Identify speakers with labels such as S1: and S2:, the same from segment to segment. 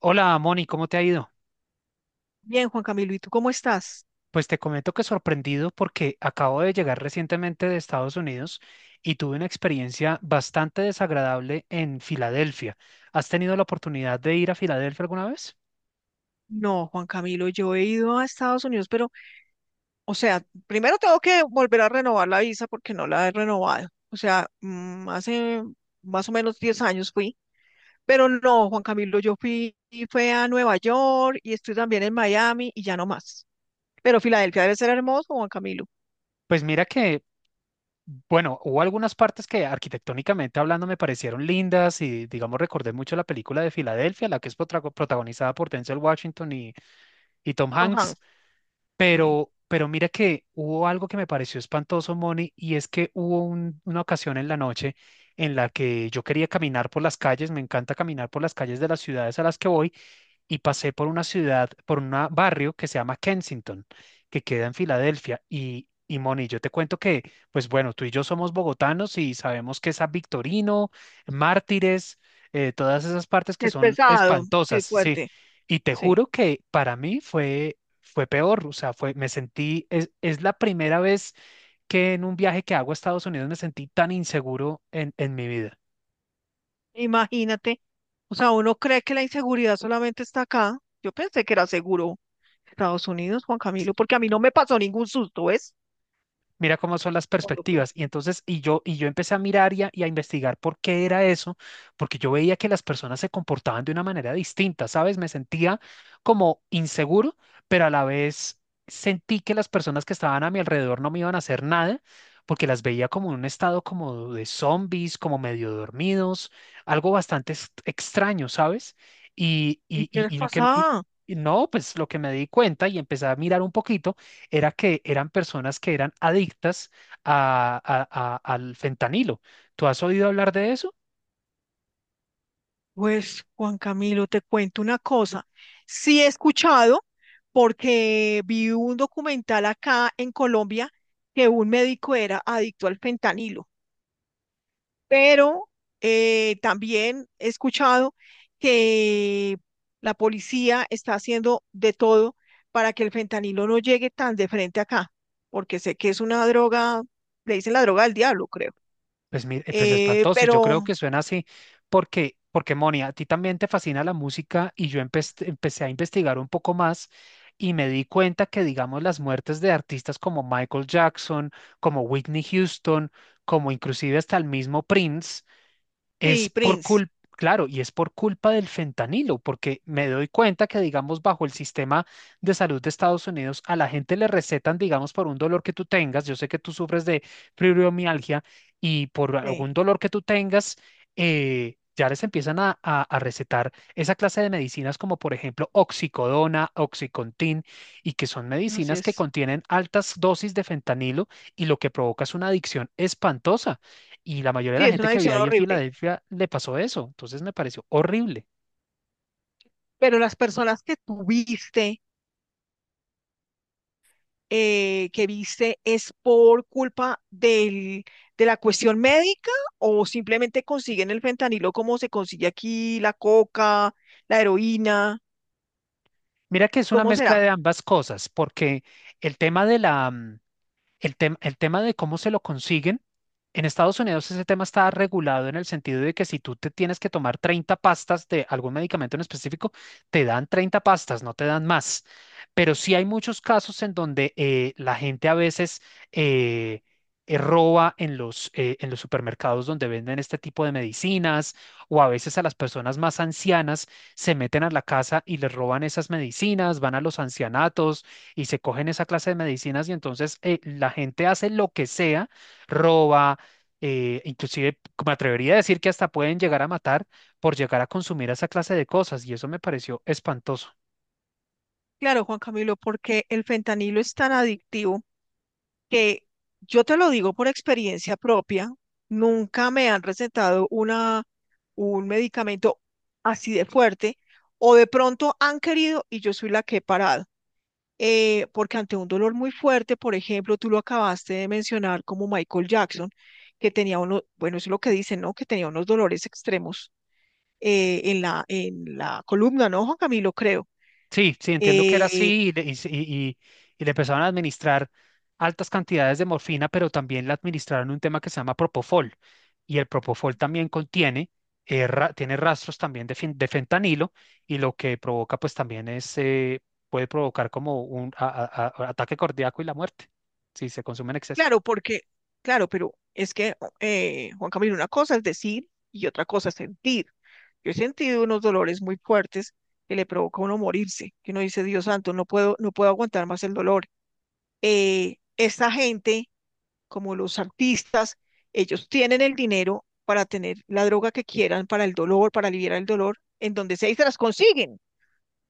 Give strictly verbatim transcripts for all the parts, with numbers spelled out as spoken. S1: Hola, Moni, ¿cómo te ha ido?
S2: Bien, Juan Camilo, ¿y tú cómo estás?
S1: Pues te comento que sorprendido porque acabo de llegar recientemente de Estados Unidos y tuve una experiencia bastante desagradable en Filadelfia. ¿Has tenido la oportunidad de ir a Filadelfia alguna vez?
S2: No, Juan Camilo, yo he ido a Estados Unidos, pero, o sea, primero tengo que volver a renovar la visa porque no la he renovado. O sea, mm, hace más o menos diez años fui, pero no, Juan Camilo, yo fui, y fue a Nueva York y estoy también en Miami y ya no más. Pero Filadelfia debe ser hermoso, Juan Camilo.
S1: Pues mira que, bueno, hubo algunas partes que arquitectónicamente hablando me parecieron lindas y, digamos, recordé mucho la película de Filadelfia, la que es potra- protagonizada por Denzel Washington y, y Tom
S2: Ajá,
S1: Hanks.
S2: sí.
S1: Pero, pero mira que hubo algo que me pareció espantoso, Moni, y es que hubo un- una ocasión en la noche en la que yo quería caminar por las calles. Me encanta caminar por las calles de las ciudades a las que voy, y pasé por una ciudad, por un barrio que se llama Kensington, que queda en Filadelfia. Y, y Moni, yo te cuento que, pues bueno, tú y yo somos bogotanos y sabemos que San Victorino, Mártires, eh, todas esas partes que
S2: Es
S1: son
S2: pesado, sí,
S1: espantosas, sí.
S2: fuerte,
S1: Y te
S2: sí.
S1: juro que para mí fue, fue peor, o sea, fue, me sentí, es, es la primera vez que en un viaje que hago a Estados Unidos me sentí tan inseguro en, en mi vida.
S2: Imagínate, o sea, uno cree que la inseguridad solamente está acá. Yo pensé que era seguro Estados Unidos, Juan Camilo, porque a mí no me pasó ningún susto, ¿ves?
S1: Mira cómo son las
S2: Cuando fui.
S1: perspectivas. Y entonces, y yo, y yo empecé a mirar y a, y a investigar por qué era eso, porque yo veía que las personas se comportaban de una manera distinta, ¿sabes? Me sentía como inseguro, pero a la vez sentí que las personas que estaban a mi alrededor no me iban a hacer nada, porque las veía como en un estado como de zombies, como medio dormidos, algo bastante ex- extraño, ¿sabes? Y,
S2: ¿Y
S1: y,
S2: qué
S1: y,
S2: les
S1: y lo que, y-
S2: pasaba?
S1: y no, pues lo que me di cuenta y empecé a mirar un poquito era que eran personas que eran adictas a- a- a- al fentanilo. ¿Tú has oído hablar de eso?
S2: Pues, Juan Camilo, te cuento una cosa. Sí he escuchado, porque vi un documental acá en Colombia que un médico era adicto al fentanilo. pero eh, también he escuchado que la policía está haciendo de todo para que el fentanilo no llegue tan de frente acá, porque sé que es una droga, le dicen la droga del diablo, creo.
S1: Pues, mi- eh, pues
S2: Eh,
S1: espantoso, y yo
S2: pero
S1: creo que suena así porque, porque Moni, a ti también te fascina la música y yo empe- empecé a investigar un poco más y me di cuenta que, digamos, las muertes de artistas como Michael Jackson, como Whitney Houston, como inclusive hasta el mismo Prince. Es
S2: sí,
S1: por
S2: Prince,
S1: culpa, claro, y es por culpa del fentanilo, porque me doy cuenta que, digamos, bajo el sistema de salud de Estados Unidos, a la gente le recetan, digamos, por un dolor que tú tengas. Yo sé que tú sufres de fibromialgia, y por
S2: sí,
S1: algún dolor que tú tengas, eh, ya les empiezan a, a- a recetar esa clase de medicinas como, por ejemplo, oxicodona, oxicontin, y que son
S2: así
S1: medicinas que
S2: es.
S1: contienen altas dosis de fentanilo, y lo que provoca es una adicción espantosa. Y la mayoría de
S2: Sí,
S1: la
S2: es
S1: gente
S2: una
S1: que había
S2: adicción
S1: ahí en
S2: horrible.
S1: Filadelfia le pasó eso. Entonces me pareció horrible.
S2: ¿Pero las personas que tuviste eh, que viste es por culpa del, de la cuestión médica o simplemente consiguen el fentanilo como se consigue aquí, la coca, la heroína?
S1: Mira que es una
S2: ¿Cómo
S1: mezcla
S2: será?
S1: de ambas cosas, porque el tema de la, mm, El tem- el tema de cómo se lo consiguen, en Estados Unidos ese tema está regulado en el sentido de que si tú te tienes que tomar treinta pastas de algún medicamento en específico, te dan treinta pastas, no te dan más. Pero sí hay muchos casos en donde, eh, la gente a veces, eh, eh, roba en los, eh, en los supermercados donde venden este tipo de medicinas, o a veces a las personas más ancianas se meten a la casa y les roban esas medicinas, van a los ancianatos y se cogen esa clase de medicinas. Y entonces, eh, la gente hace lo que sea, roba, eh, inclusive me atrevería a decir que hasta pueden llegar a matar por llegar a consumir esa clase de cosas, y eso me pareció espantoso.
S2: Claro, Juan Camilo, porque el fentanilo es tan adictivo que yo te lo digo por experiencia propia, nunca me han recetado una, un medicamento así de fuerte o de pronto han querido y yo soy la que he parado. eh, porque ante un dolor muy fuerte, por ejemplo, tú lo acabaste de mencionar como Michael Jackson, que tenía unos, bueno, eso es lo que dicen, ¿no? Que tenía unos dolores extremos eh, en la, en la columna, ¿no, Juan Camilo? Creo.
S1: Sí, sí, entiendo que era así
S2: Eh,
S1: y le, y, se- y- y- y le empezaron a administrar altas cantidades de morfina, pero también le administraron un tema que se llama propofol. Y el propofol también contiene, eh, ra- tiene rastros también de, fen- de fentanilo, y lo que provoca pues también es, eh, puede provocar como un a- a- a- ataque cardíaco y la muerte si se consume en exceso.
S2: claro, porque, claro, pero es que, eh, Juan Camilo, una cosa es decir y otra cosa es sentir. Yo he sentido unos dolores muy fuertes que le provoca a uno morirse, que uno dice, Dios santo, no puedo, no puedo aguantar más el dolor. Eh, esta gente como los artistas, ellos tienen el dinero para tener la droga que quieran, para el dolor, para aliviar el dolor, en donde sea y se las consiguen,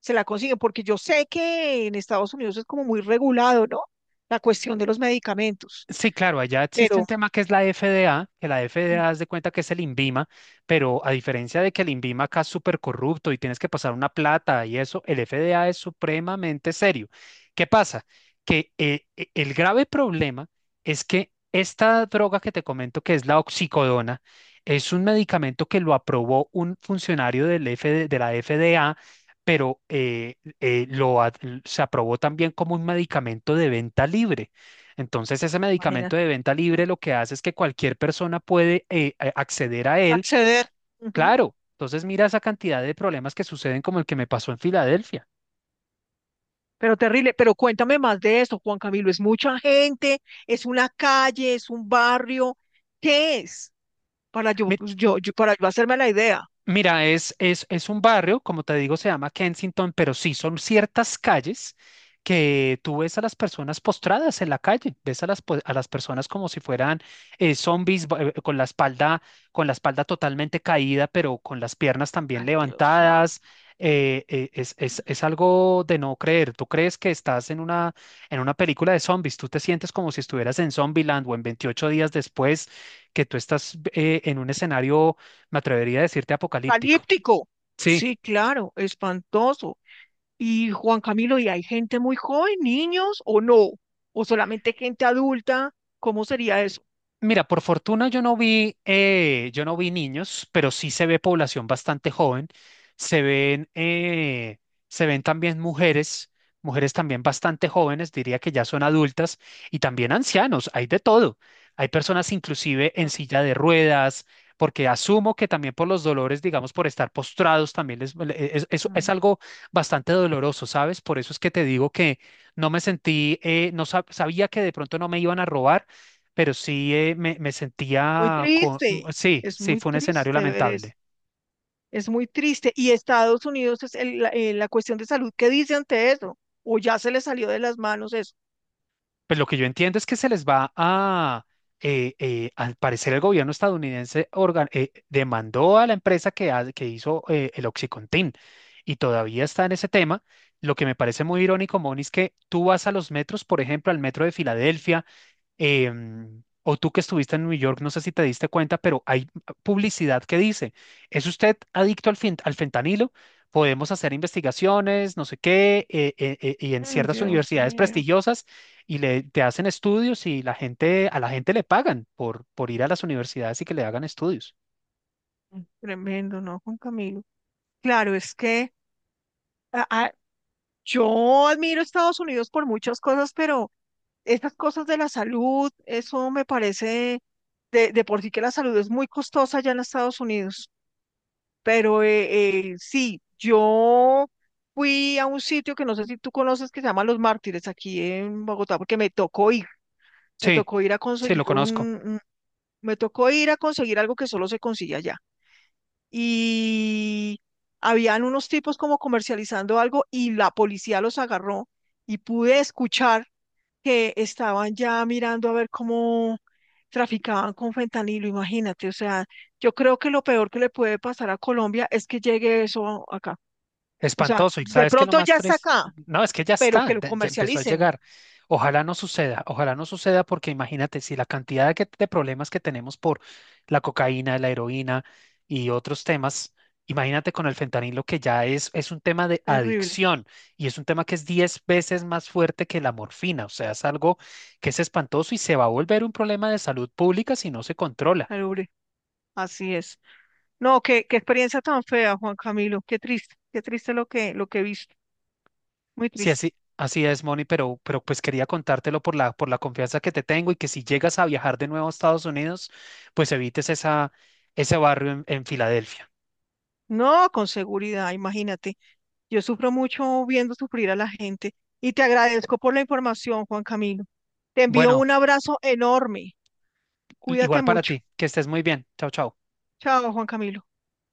S2: se la consiguen, porque yo sé que en Estados Unidos es como muy regulado, ¿no? La cuestión de los medicamentos,
S1: Sí, claro, allá existe
S2: pero
S1: un tema que es la F D A, que la F D A haz de cuenta que es el INVIMA, pero a diferencia de que el INVIMA acá es súper corrupto y tienes que pasar una plata y eso, el F D A es supremamente serio. ¿Qué pasa? Que eh, e- el grave problema es que esta droga que te comento, que es la oxicodona, es un medicamento que lo aprobó un funcionario del F D de la F D A, pero eh, eh, lo ad- se aprobó también como un medicamento de venta libre. Entonces, ese
S2: imagina,
S1: medicamento de venta
S2: mm,
S1: libre lo que hace es que cualquier persona puede eh, a- acceder a él.
S2: acceder. Ujú.
S1: Claro, entonces mira esa cantidad de problemas que suceden como el que me pasó en Filadelfia.
S2: Pero terrible, pero cuéntame más de eso, Juan Camilo. ¿Es mucha gente? ¿Es una calle? ¿Es un barrio? ¿Qué es? Para yo,
S1: Mi-
S2: yo, yo- para yo hacerme la idea.
S1: Mira, es, es, es un barrio, como te digo, se llama Kensington, pero sí son ciertas calles que tú ves a las personas postradas en la calle, ves a las, po- a las personas como si fueran, eh, zombies, ba- eh, con la espalda, con la espalda totalmente caída, pero con las piernas también
S2: Ay, Dios.
S1: levantadas. eh, eh, es, es, es algo de no creer. Tú crees que estás en una, en una película de zombies, tú te sientes como si estuvieras en Zombieland o en veintiocho días después, que tú estás, eh, en un escenario me atrevería a decirte apocalíptico.
S2: Apocalíptico.
S1: Sí.
S2: Sí, claro, espantoso. Y Juan Camilo, ¿y hay gente muy joven, niños o no? ¿O solamente gente adulta? ¿Cómo sería eso?
S1: Mira, por fortuna yo no vi, eh, yo no vi niños, pero sí se ve población bastante joven. Se ven, eh, se ven también mujeres, mujeres también bastante jóvenes, diría que ya son adultas, y también ancianos, hay de todo. Hay personas inclusive en
S2: Ah,
S1: silla de ruedas, porque asumo que también por los dolores, digamos, por estar postrados, también les- le- e, es, es-
S2: ah.
S1: es algo bastante doloroso, ¿sabes? Por eso es que te digo que no me sentí, eh, no sab- sabía que de pronto no me iban a robar, pero sí, eh, me, me
S2: Muy
S1: sentía. Co-
S2: triste,
S1: sí,
S2: es
S1: sí,
S2: muy
S1: fue un escenario
S2: triste ver eso,
S1: lamentable.
S2: es muy triste. ¿Y Estados Unidos es el- la, eh, la cuestión de salud? ¿Qué dice ante eso? ¿O ya se le salió de las manos eso?
S1: Pues lo que yo entiendo es que se les va a, eh, eh, al parecer el gobierno estadounidense, organ- eh, demandó a la empresa que, ha- que hizo, eh, el OxyContin, y todavía está en ese tema. Lo que me parece muy irónico, Moni, es que tú vas a los metros, por ejemplo, al metro de Filadelfia, em, o tú que estuviste en New York, no sé si te diste cuenta, pero hay publicidad que dice, ¿es usted adicto al, fen- al fentanilo? Podemos hacer investigaciones, no sé qué, eh, eh, eh, y en
S2: Mm,
S1: ciertas
S2: Dios
S1: universidades
S2: mío.
S1: prestigiosas y le, te hacen estudios, y la gente, a la gente le pagan por, por ir a las universidades y que le hagan estudios.
S2: Mm, tremendo, ¿no, Juan Camilo? Claro, es que ah, ah, yo admiro a Estados Unidos por muchas cosas, pero... Estas cosas de la salud, eso me parece, de, de por sí que la salud es muy costosa allá en Estados Unidos, pero eh, eh, sí, yo fui a un sitio que no sé si tú conoces que se llama Los Mártires aquí en Bogotá, porque me tocó ir, me
S1: Sí,
S2: tocó ir a
S1: sí, lo
S2: conseguir un,
S1: conozco.
S2: un- me tocó ir a conseguir algo que solo se consigue allá. Y habían unos tipos como comercializando algo y la policía los agarró y pude escuchar que estaban ya mirando a ver cómo traficaban con fentanilo, imagínate, o sea, yo creo que lo peor que le puede pasar a Colombia es que llegue eso acá. O sea,
S1: Espantoso. ¿Y
S2: de
S1: sabes qué es lo
S2: pronto
S1: más
S2: ya está
S1: triste?
S2: acá,
S1: No, es que ya
S2: pero que
S1: está,
S2: lo
S1: da- ya empezó a
S2: comercialicen.
S1: llegar. Ojalá no suceda, ojalá no suceda, porque imagínate si la cantidad de, que- de problemas que tenemos por la cocaína, la heroína y otros temas, imagínate con el fentanilo, que ya es, es un tema de
S2: Terrible,
S1: adicción, y es un tema que es diez veces más fuerte que la morfina. O sea, es algo que es espantoso y se va a volver un problema de salud pública si no se controla.
S2: terrible, así es. No, qué, qué experiencia tan fea, Juan Camilo, qué triste, qué triste lo que, lo que he visto, muy
S1: Sí,
S2: triste.
S1: así, así es, Moni, pero, pero, pues quería contártelo por la, por la confianza que te tengo, y que si llegas a viajar de nuevo a Estados Unidos, pues evites esa, ese barrio en, en Filadelfia.
S2: No, con seguridad, imagínate. Yo sufro mucho viendo sufrir a la gente y te agradezco por la información, Juan Camilo. Te envío
S1: Bueno,
S2: un abrazo enorme. Cuídate
S1: igual para
S2: mucho.
S1: ti, que estés muy bien. Chao, chao.
S2: Chao, Juan Camilo.